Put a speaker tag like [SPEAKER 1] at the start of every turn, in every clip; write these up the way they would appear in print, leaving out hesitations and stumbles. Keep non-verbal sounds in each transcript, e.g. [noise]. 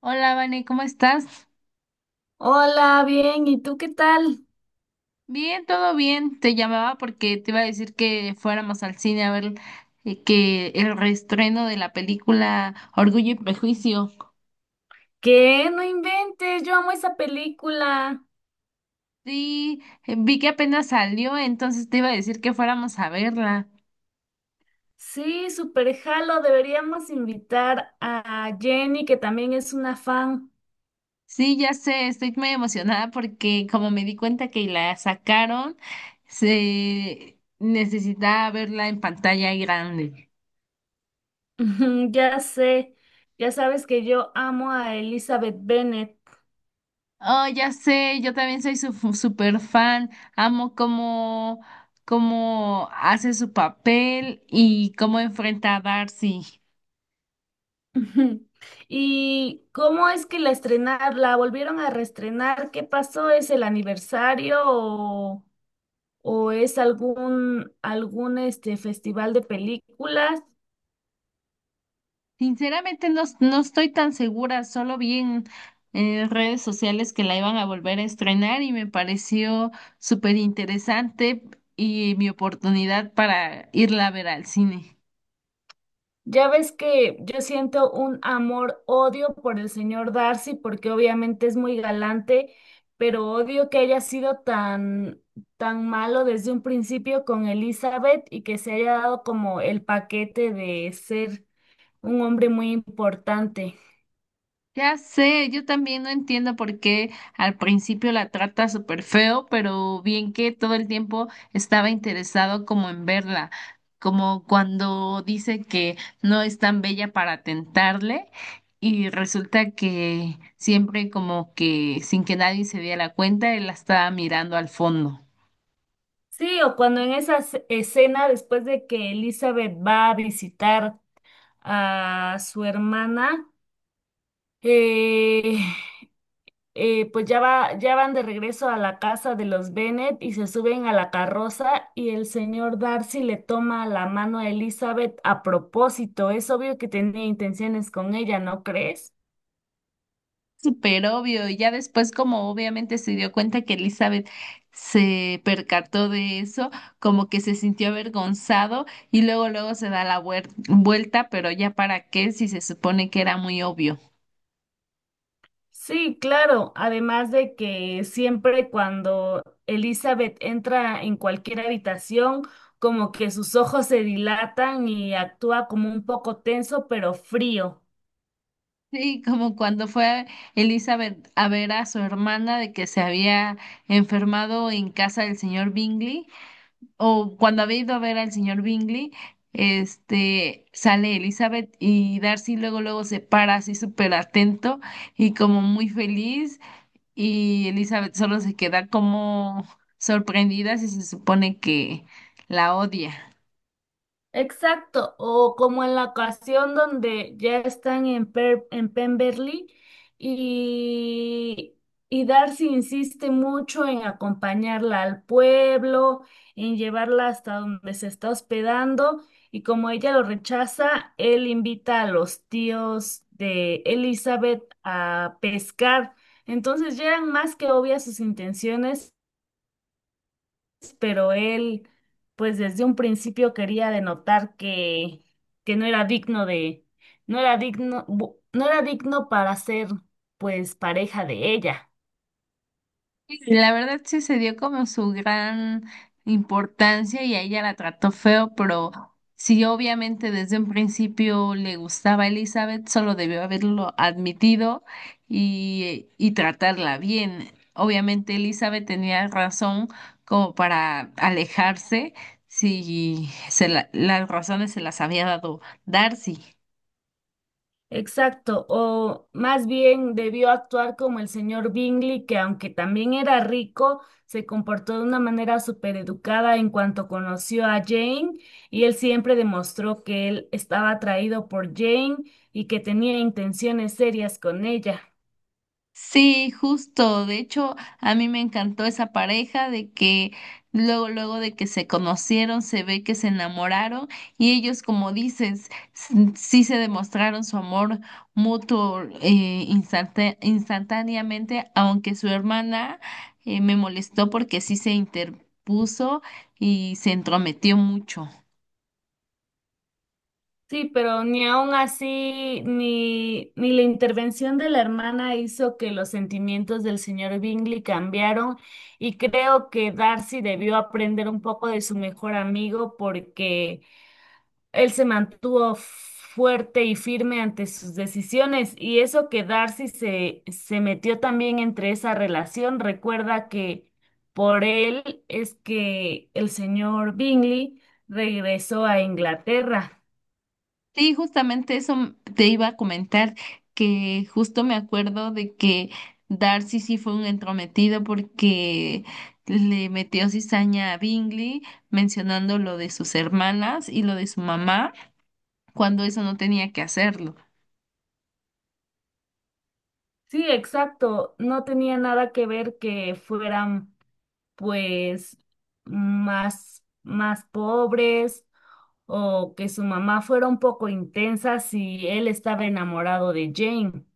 [SPEAKER 1] Hola, Vane, ¿cómo estás?
[SPEAKER 2] Hola, bien, ¿y tú qué tal?
[SPEAKER 1] Bien, todo bien. Te llamaba porque te iba a decir que fuéramos al cine a ver que el reestreno de la película Orgullo y Prejuicio.
[SPEAKER 2] ¿Qué? No inventes, yo amo esa película.
[SPEAKER 1] Sí, vi que apenas salió, entonces te iba a decir que fuéramos a verla.
[SPEAKER 2] Sí, súper jalo, deberíamos invitar a Jenny, que también es una fan.
[SPEAKER 1] Sí, ya sé, estoy muy emocionada porque como me di cuenta que la sacaron, se necesitaba verla en pantalla grande.
[SPEAKER 2] [laughs] Ujú, ya sé, ya sabes que yo amo a Elizabeth Bennet.
[SPEAKER 1] Oh, ya sé, yo también soy su super fan. Amo cómo hace su papel y cómo enfrenta a Darcy.
[SPEAKER 2] [laughs] Ujú. ¿Y cómo es que la volvieron a reestrenar? ¿Qué pasó? ¿Es el aniversario o es algún festival de películas?
[SPEAKER 1] Sinceramente no, no estoy tan segura, solo vi en redes sociales que la iban a volver a estrenar y me pareció súper interesante y mi oportunidad para irla a ver al cine.
[SPEAKER 2] Ya ves que yo siento un amor-odio por el señor Darcy, porque obviamente es muy galante, pero odio que haya sido tan malo desde un principio con Elizabeth y que se haya dado como el paquete de ser un hombre muy importante.
[SPEAKER 1] Ya sé, yo también no entiendo por qué al principio la trata súper feo, pero bien que todo el tiempo estaba interesado como en verla, como cuando dice que no es tan bella para tentarle y resulta que siempre como que sin que nadie se diera cuenta, él la estaba mirando al fondo.
[SPEAKER 2] Sí, o cuando en esa escena, después de que Elizabeth va a visitar a su hermana, eh, pues ya van de regreso a la casa de los Bennet y se suben a la carroza y el señor Darcy le toma la mano a Elizabeth a propósito. Es obvio que tenía intenciones con ella, ¿no crees?
[SPEAKER 1] Súper obvio. Y ya después, como obviamente se dio cuenta que Elizabeth se percató de eso, como que se sintió avergonzado y luego, luego se da la vuelta, pero ya para qué si se supone que era muy obvio.
[SPEAKER 2] Sí, claro. Además de que siempre cuando Elizabeth entra en cualquier habitación, como que sus ojos se dilatan y actúa como un poco tenso, pero frío.
[SPEAKER 1] Sí, como cuando fue Elizabeth a ver a su hermana de que se había enfermado en casa del señor Bingley. O cuando había ido a ver al señor Bingley, este, sale Elizabeth y Darcy luego luego se para así súper atento y como muy feliz y Elizabeth solo se queda como sorprendida si se supone que la odia.
[SPEAKER 2] Exacto, o como en la ocasión donde ya están en Pemberley y, y Darcy insiste mucho en acompañarla al pueblo, en llevarla hasta donde se está hospedando y como ella lo rechaza, él invita a los tíos de Elizabeth a pescar. Entonces ya eran más que obvias sus intenciones pero él, pues desde un principio quería denotar que no era digno de, no era digno, no era digno para ser, pues, pareja de ella.
[SPEAKER 1] Sí, la verdad sí se dio como su gran importancia y a ella la trató feo, pero sí obviamente desde un principio le gustaba a Elizabeth, solo debió haberlo admitido y tratarla bien. Obviamente Elizabeth tenía razón como para alejarse si las razones se las había dado Darcy.
[SPEAKER 2] Exacto, o más bien debió actuar como el señor Bingley, que aunque también era rico, se comportó de una manera súper educada en cuanto conoció a Jane, y él siempre demostró que él estaba atraído por Jane y que tenía intenciones serias con ella.
[SPEAKER 1] Sí, justo. De hecho, a mí me encantó esa pareja de que luego, luego de que se conocieron, se ve que se enamoraron y ellos, como dices, sí se demostraron su amor mutuo instantáneamente, aunque su hermana me molestó porque sí se interpuso y se entrometió mucho.
[SPEAKER 2] Sí, pero ni aun así, ni la intervención de la hermana hizo que los sentimientos del señor Bingley cambiaron y creo que Darcy debió aprender un poco de su mejor amigo porque él se mantuvo fuerte y firme ante sus decisiones y eso que se metió también entre esa relación. Recuerda que por él es que el señor Bingley regresó a Inglaterra.
[SPEAKER 1] Sí, justamente eso te iba a comentar, que justo me acuerdo de que Darcy sí fue un entrometido porque le metió cizaña a Bingley mencionando lo de sus hermanas y lo de su mamá, cuando eso no tenía que hacerlo.
[SPEAKER 2] Sí, exacto. No tenía nada que ver que fueran, pues, más pobres o que su mamá fuera un poco intensa si él estaba enamorado de Jane.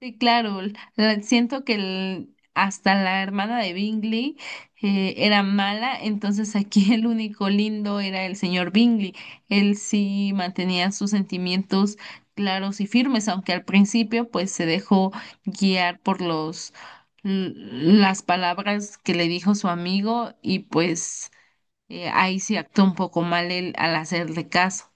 [SPEAKER 1] Sí, claro, siento que hasta la hermana de Bingley era mala, entonces aquí [laughs] el único lindo era el señor Bingley. Él sí mantenía sus sentimientos claros y firmes, aunque al principio pues se dejó guiar por los las palabras que le dijo su amigo y pues ahí sí actuó un poco mal él al hacerle caso.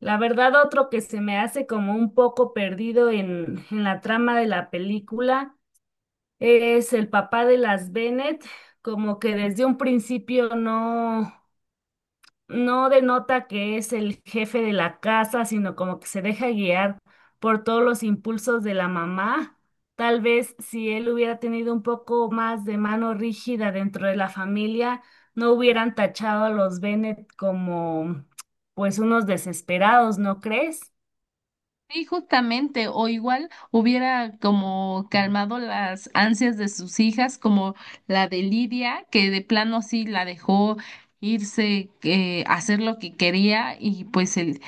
[SPEAKER 2] La verdad, otro que se me hace como un poco perdido en la trama de la película es el papá de las Bennett, como que desde un principio no, no denota que es el jefe de la casa, sino como que se deja guiar por todos los impulsos de la mamá. Tal vez si él hubiera tenido un poco más de mano rígida dentro de la familia, no hubieran tachado a los Bennett como pues unos desesperados, ¿no crees?
[SPEAKER 1] Sí, justamente, o igual hubiera como calmado las ansias de sus hijas, como la de Lidia, que de plano sí la dejó irse, a hacer lo que quería y pues él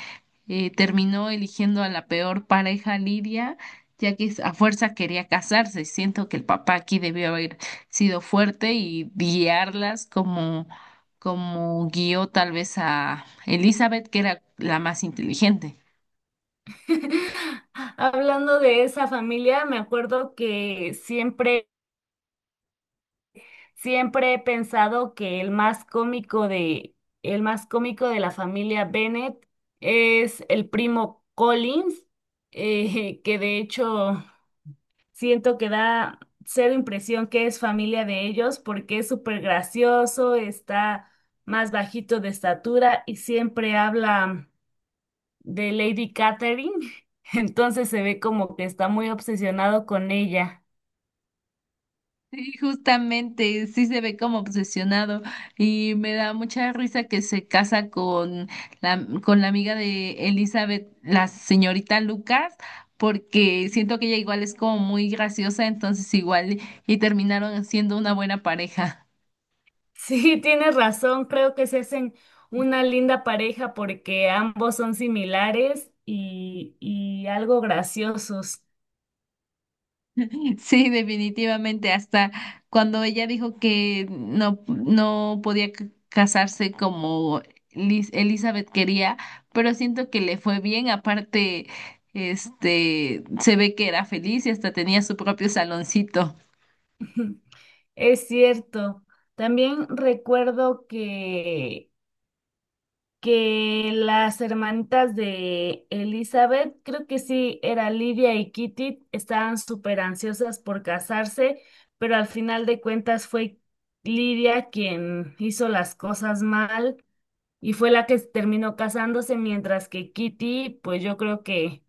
[SPEAKER 1] terminó eligiendo a la peor pareja Lidia, ya que a fuerza quería casarse. Siento que el papá aquí debió haber sido fuerte y guiarlas como guió tal vez a Elizabeth, que era la más inteligente.
[SPEAKER 2] [laughs] Hablando de esa familia, me acuerdo que siempre he pensado que el más cómico de la familia Bennett es el primo Collins, que de hecho siento que da cero impresión que es familia de ellos porque es súper gracioso, está más bajito de estatura y siempre habla de Lady Catherine. [laughs] Entonces se ve como que está muy obsesionado con ella.
[SPEAKER 1] Sí, justamente, sí se ve como obsesionado y me da mucha risa que se casa con la amiga de Elizabeth, la señorita Lucas, porque siento que ella igual es como muy graciosa, entonces igual y terminaron siendo una buena pareja.
[SPEAKER 2] Sí, tienes razón, creo que se hacen una linda pareja porque ambos son similares y algo graciosos.
[SPEAKER 1] Sí, definitivamente, hasta cuando ella dijo que no, no podía casarse como Elizabeth quería, pero siento que le fue bien, aparte, este, se ve que era feliz y hasta tenía su propio saloncito.
[SPEAKER 2] [laughs] Es cierto. También recuerdo que las hermanitas de Elizabeth, creo que sí, era Livia y Kitty, estaban súper ansiosas por casarse, pero al final de cuentas fue Livia quien hizo las cosas mal y fue la que terminó casándose, mientras que Kitty, pues yo creo que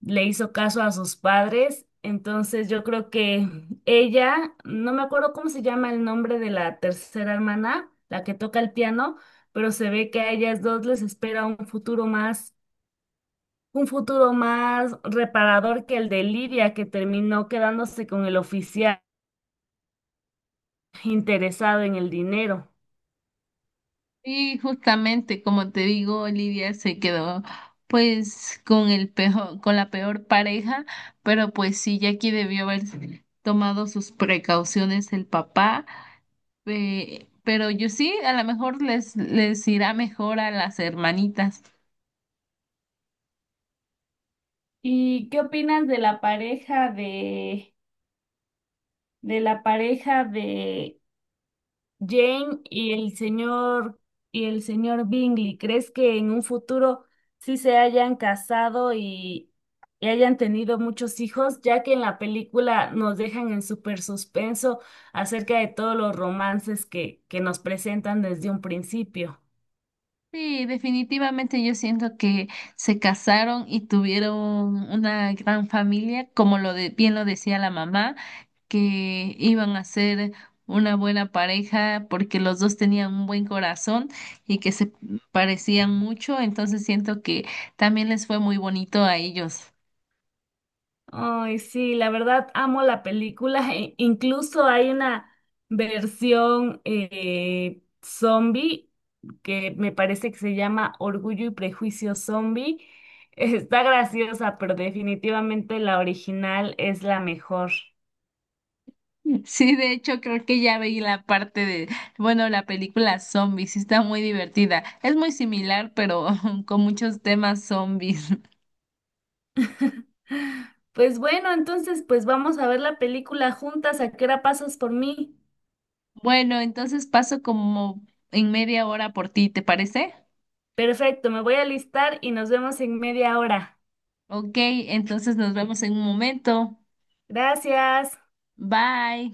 [SPEAKER 2] le hizo caso a sus padres. Entonces yo creo que ella, no me acuerdo cómo se llama el nombre de la tercera hermana, la que toca el piano, pero se ve que a ellas dos les espera un futuro más reparador que el de Lidia, que terminó quedándose con el oficial interesado en el dinero.
[SPEAKER 1] Y justamente, como te digo, Olivia se quedó pues con el peor, con la peor pareja, pero pues sí, Jackie debió haber tomado sus precauciones el papá. Pero yo sí, a lo mejor les irá mejor a las hermanitas.
[SPEAKER 2] ¿Y qué opinas de la pareja de Jane y el señor Bingley? ¿Crees que en un futuro sí se hayan casado y hayan tenido muchos hijos? Ya que en la película nos dejan en súper suspenso acerca de todos los romances que nos presentan desde un principio.
[SPEAKER 1] Sí, definitivamente yo siento que se casaron y tuvieron una gran familia, como bien lo decía la mamá, que iban a ser una buena pareja porque los dos tenían un buen corazón y que se parecían mucho, entonces siento que también les fue muy bonito a ellos.
[SPEAKER 2] Ay, sí, la verdad amo la película. Incluso hay una versión zombie que me parece que se llama Orgullo y Prejuicio Zombie. [laughs] Está graciosa, pero definitivamente la original es la mejor.
[SPEAKER 1] Sí, de hecho creo que ya veí la parte bueno, la película Zombies, sí está muy divertida. Es muy similar, pero [laughs] con muchos temas zombies. [laughs]
[SPEAKER 2] [laughs] Pues bueno, entonces pues vamos a ver la película juntas. ¿A qué hora pasas por mí?
[SPEAKER 1] Bueno, entonces paso como en media hora por ti, ¿te parece?
[SPEAKER 2] Perfecto, me voy a listar y nos vemos en media hora.
[SPEAKER 1] Ok, entonces nos vemos en un momento.
[SPEAKER 2] Gracias.
[SPEAKER 1] Bye.